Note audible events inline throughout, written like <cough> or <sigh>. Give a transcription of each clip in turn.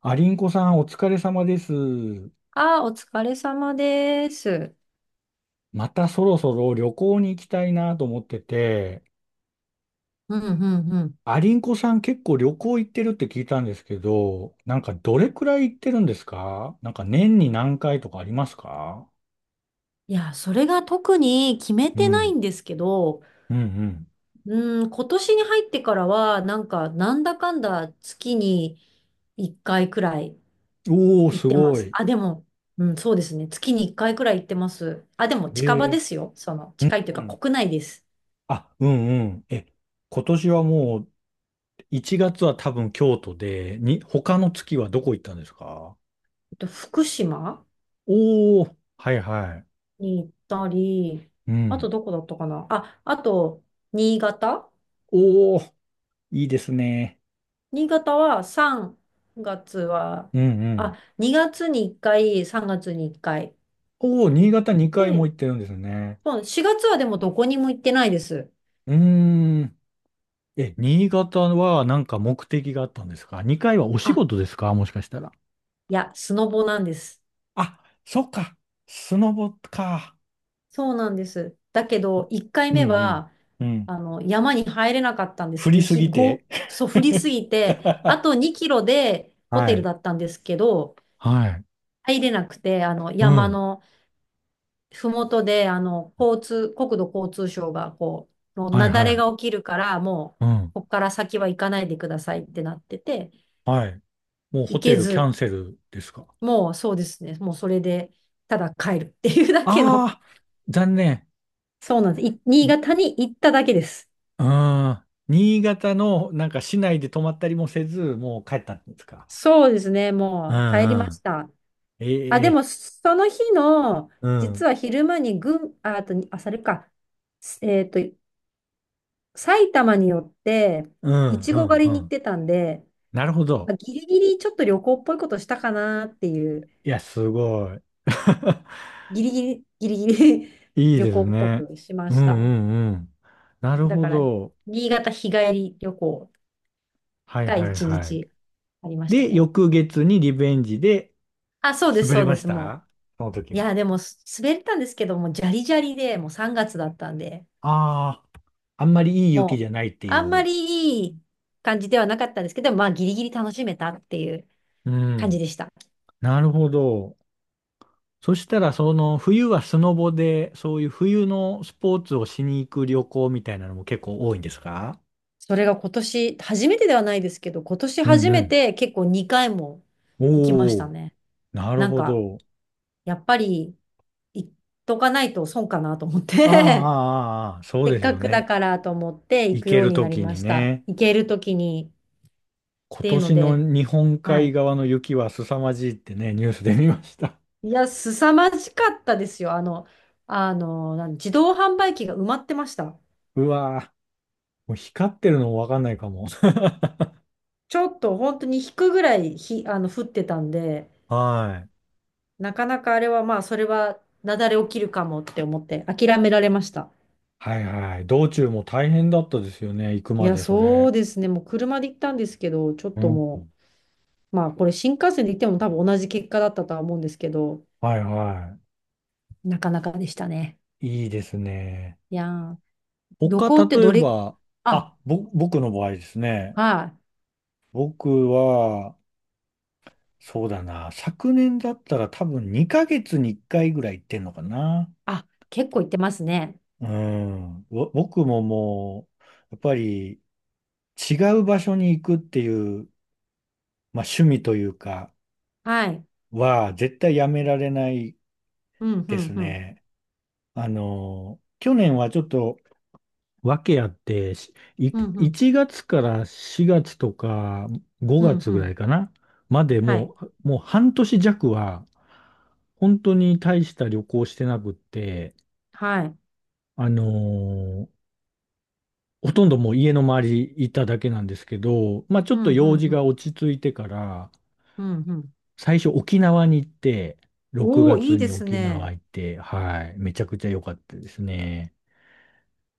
ありんこさんお疲れ様です。ああ、お疲れ様です。またそろそろ旅行に行きたいなと思ってて、うんうんうん。ありんこさん結構旅行行ってるって聞いたんですけど、なんかどれくらい行ってるんですか？なんか年に何回とかありますか？いや、それが特に決めうてないん、んですけど、うん、うん、今年に入ってからは、なんだかんだ月に1回くらいうん。おー、行すってまごす。い。あ、でも、うん、そうですね。月に1回くらい行ってます。あ、でもえ近場ー、ですよ。うん、近いといううかん。国内です。あ、うん、うん。え、今年はもう1月は多分京都で、に、他の月はどこ行ったんですか？福島おー、はいはい。に行ったり、うあとん。どこだったかなあ、あと、新潟おお、いいですね。新潟は3月は、うんうん。あ、2月に1回、3月に1回おお、新行っ潟2回もて、行ってるんですね。4月はでもどこにも行ってないです。うーん。え、新潟はなんか目的があったんですか？ 2 回はお仕あ、事ですかもしかしたら。いや、スノボなんです。あ、そっか。スノボか。そうなんです。だけど、1回うん目は、うん。うん。山に入れなかったんで振す。りすぎて。そう、降りす <laughs> ぎて、あと2キロでホはテルい。だったんですけど、はい。入れなくて、う山ん。の、ふもとで、国土交通省が、もうは雪いは崩がい。起きるから、もう、うん。ここから先は行かないでくださいってなってて、はい。もうホ行テけルキャず、ンセルですか？もうそうですね、もうそれで、ただ帰るっていうだけの、ああー、残念。そうなんです。新潟に行っただけです。ああ、新潟のなんか市内で泊まったりもせず、もう帰ったんですか。そうですね、うんもう帰りまうしん。た。あ、えでえ、も、その日の、うん、う実ん、は昼間に群、あ、あと、あ、それか、えっと、埼玉によって、ういん、ちご狩うりに行っん。てたんで、なるほど。まあ、ギリギリちょっと旅行っぽいことしたかなっていう、いや、すごい。<laughs> ギリギリ <laughs> いい旅で行すっぽね。くしまうんうした。んうん。なるだほから、ど。新潟日帰り旅行はいがはい1はい。日ありましたで、ね。翌月にリベンジであ、そうです、滑それうまでしす、もた、その時う。いは？や、でも、滑ったんですけども、じゃりじゃりで、もう3月だったんで、ああ、あんまりいいも雪じう、ゃないっていあんまう。りいい感じではなかったんですけど、まあ、ギリギリ楽しめたっていうう感じん。でした。なるほど。そしたら、その冬はスノボで、そういう冬のスポーツをしに行く旅行みたいなのも結構多いんですか？それが今年、初めてではないですけど、今年うん初うめん。て結構2回もお行きましたお、ね。なるなんほか、ど。やっぱり行っとかないと損かなと思っああ、て ああ、ああそ <laughs> うせっですかよくだね。からと思って行行くけようるにとなりきまにした。ね。行けるときにっ今ていうの年ので、日本は海い。側の雪は凄まじいってね、ニュースで見ました。いや、凄まじかったですよ。自動販売機が埋まってました。<laughs> うわー、もう光ってるのもわかんないかも。ちょっと本当に引くぐらいひ、あの、降ってたんで、<laughs> はい。なかなかあれはまあ、それは雪崩起きるかもって思って諦められました。はいはい。道中も大変だったですよね。行くいまや、でそそれ。うですね。もう車で行ったんですけど、ちょっうとん。もう、まあ、これ新幹線で行っても多分同じ結果だったとは思うんですけど、はいはなかなかでしたね。い。いいですね。いやー、旅行他、って例えどれ、ば、あ、僕の場合ですね。はい。僕は、そうだな。昨年だったら多分2ヶ月に1回ぐらい行ってんのかな。あ、結構行ってますね。うん。僕もも、う、やっぱり違う場所に行くっていう、まあ趣味というか、はい。は絶対やめられないうん、うでん、すうん。ね。あの、去年はちょっとわけあって、いうん、うん、1月から4月とかう5ん、月うぐらいん。かな、まではい。もう、半年弱は、本当に大した旅行してなくって、はい。あのーほとんどもう家の周りいただけなんですけど、まあちょうっとん、う用ん、事うがん。落ち着いてから、うん、うん。最初沖縄に行って、6おー、い月いでにす沖縄ね。行って、はい、めちゃくちゃ良かったですね。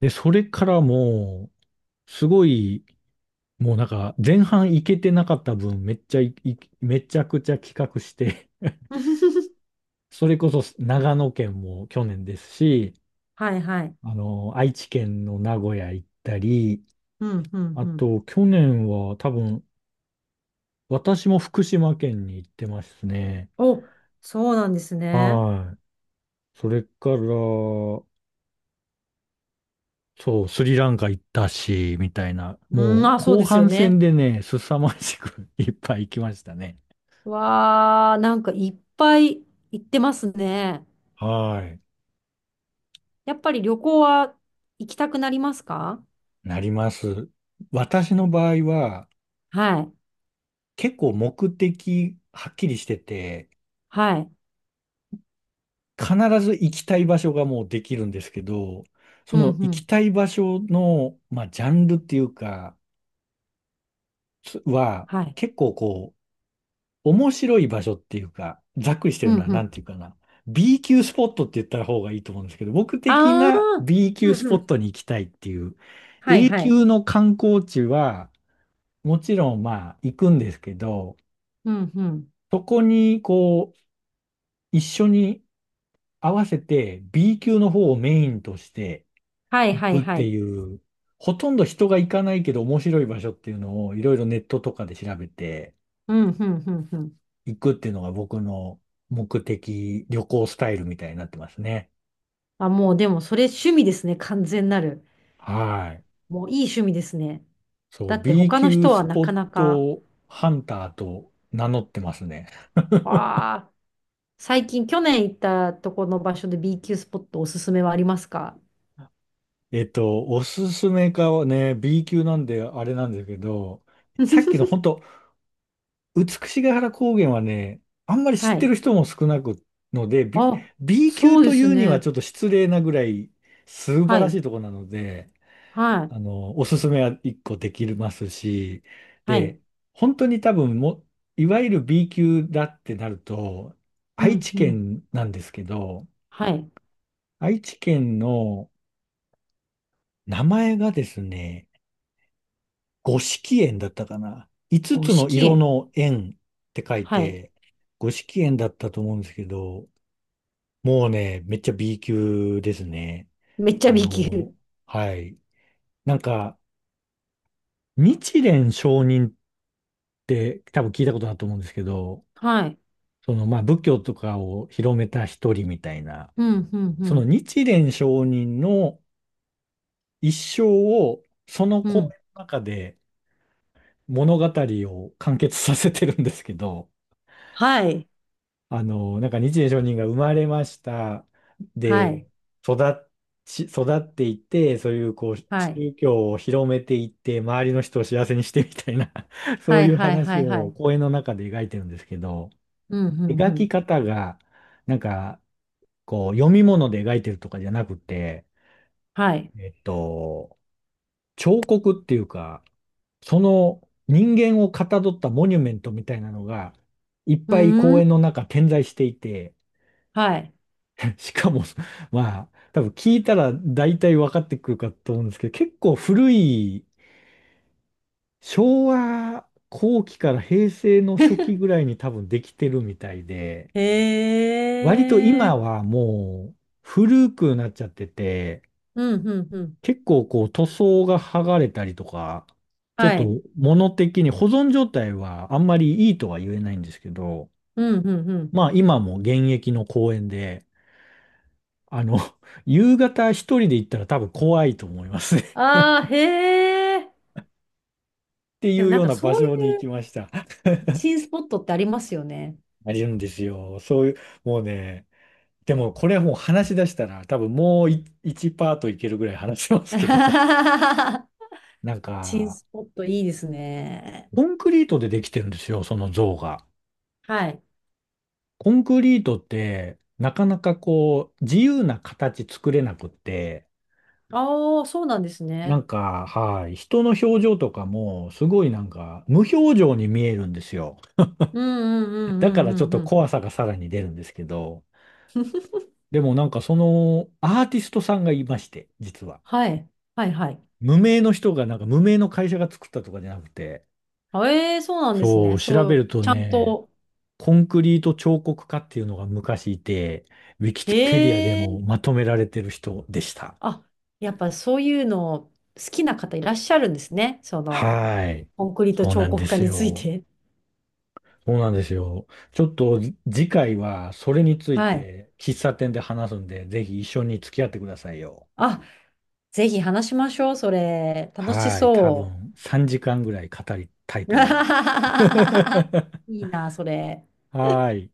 で、それからもう、すごい、もうなんか前半いけてなかった分めっちゃいいめちゃくちゃ企画して <laughs> <laughs> それこそ長野県も去年ですし、はい、はい。あの、愛知県の名古屋行ったり、うん、うん、あうん。と去年は多分私も福島県に行ってますね。お、そうなんですね。はい。それから、そう、スリランカ行ったし、みたいな。うん、もうあ、そう後ですよ半戦ね。でね、凄まじく <laughs> いっぱい行きましたね。わー、なんかいっぱい行ってますね。はい。やっぱり旅行は行きたくなりますか？なります。私の場合は、はい。結構目的はっきりしてて、はい。必ず行きたい場所がもうできるんですけど、そうん、のう行きん。たい場所の、まあ、ジャンルっていうか、つは、はい。結構こう、面白い場所っていうか、ざっくりしてうるのん、はうなん。んていうかな。B 級スポットって言った方がいいと思うんですけど、僕的あな あ、B 級うスん、ポうッん。トに行きたいっていう、はい、A はい。級の観光地は、もちろんまあ行くんですけど、うん、うん。そこにこう、一緒に合わせて B 級の方をメインとしてはい、行はい、くっはてい。いう、ほとんど人が行かないけど面白い場所っていうのをいろいろネットとかで調べてうん、うん、うん、うん。行くっていうのが僕の目的、旅行スタイルみたいになってますね。あ、もうでもそれ趣味ですね。完全なる。はい。もういい趣味ですね。そう、だって B 他の級人スはなポかッなか。トハンターと名乗ってますね。わあ、最近去年行ったとこの場所で B 級スポットおすすめはありますか？ おすすめかはね、B 級なんであれなんですけど、さっきの <laughs> 本当美しが原高原はね、あんまりは知ってるい。人も少なくので、<laughs> B、あ、B 級そうでといすうにはね。ちょっと失礼なぐらい素晴はらい。しいとこなので、はい。あの、おすすめは一個できますし、はで、い。本当に多分も、いわゆる B 級だってなると、う愛ん、知うん。県なんですけど、はい。愛知県の名前がですね、五色園だったかな。五つ五つ色の色園。の園って書いはい。て、五色園だったと思うんですけど、もうね、めっちゃ B 級ですね。めっちゃ あ B 級。の、はい。なんか、日蓮聖人って多分聞いたことだと思うんですけど、はい。その、まあ、仏教とかを広めた一人みたいな、うん、うん、うそのん、日蓮聖人の一生を、そのう講ん。演の中で物語を完結させてるんですけど、はい。なんか日蓮上人が生まれました。はい。で、育っ育っていって、そういうこう、はい。宗教を広めていって、周りの人を幸せにしてみたいな <laughs> そはういい、うはい、話はい、はをい。講演の中で描いてるんですけど、うん、うん、う描きん。方が、なんか、こう、読み物で描いてるとかじゃなくて、はい。えっと、彫刻っていうか、その人間をかたどったモニュメントみたいなのが、いっうぱいー公園のん。中点在していて、はい。<laughs> しかも、まあ、多分聞いたら大体分かってくるかと思うんですけど、結構古い昭和後期から平成の初期ぐらいに多分できてるみたいで、割とへ今え。はもう古くなっちゃってて、うん、うん、うん。結構こう塗装が剥がれたりとか、ちょっはい。と物的に保存状態はあんまりいいとは言えないんですけど、うん、うん、うん。まあ今も現役の公園で、あの、<laughs> 夕方一人で行ったら多分怖いと思いますねああ、へえ。っていでもうなんようかな場そうい所に行きうました。<laughs> 新スポットってありますよね。あるんですよ。そういう、もうね、でもこれはもう話し出したら多分もう1パートいけるぐらい話しますけど、<laughs> なん <laughs> 新か、スポットいいですね。コンクリートでできてるんですよ、その像が。はい。コンクリートってなかなかこう自由な形作れなくって、ああ、そうなんですなね。んか、はい、人の表情とかもすごいなんか無表情に見えるんですよ。うんうんうだかんらちょうっんうとん怖さがさらに出るんですけど、うん。でもなんかそのアーティストさんがいまして、実は。はい。はいはい。無名の人がなんか無名の会社が作ったとかじゃなくて、そうなんですそね。う、調そべう、るとちゃんね、と。コンクリート彫刻家っていうのが昔いて、ウィえキペディアでえもーまとめられてる人でした。あ、やっぱそういうの好きな方いらっしゃるんですね。その、はい。コンクリートそうな彫んで刻家すについよ。て。そうなんですよ。ちょっと次回はそれについはい。て喫茶店で話すんで、ぜひ一緒に付き合ってくださいよ。あ、ぜひ話しましょう、それ。楽しはい。多そ分3時間ぐらい語りたいう。と思います。<laughs> <laughs> いいな、それ。はい。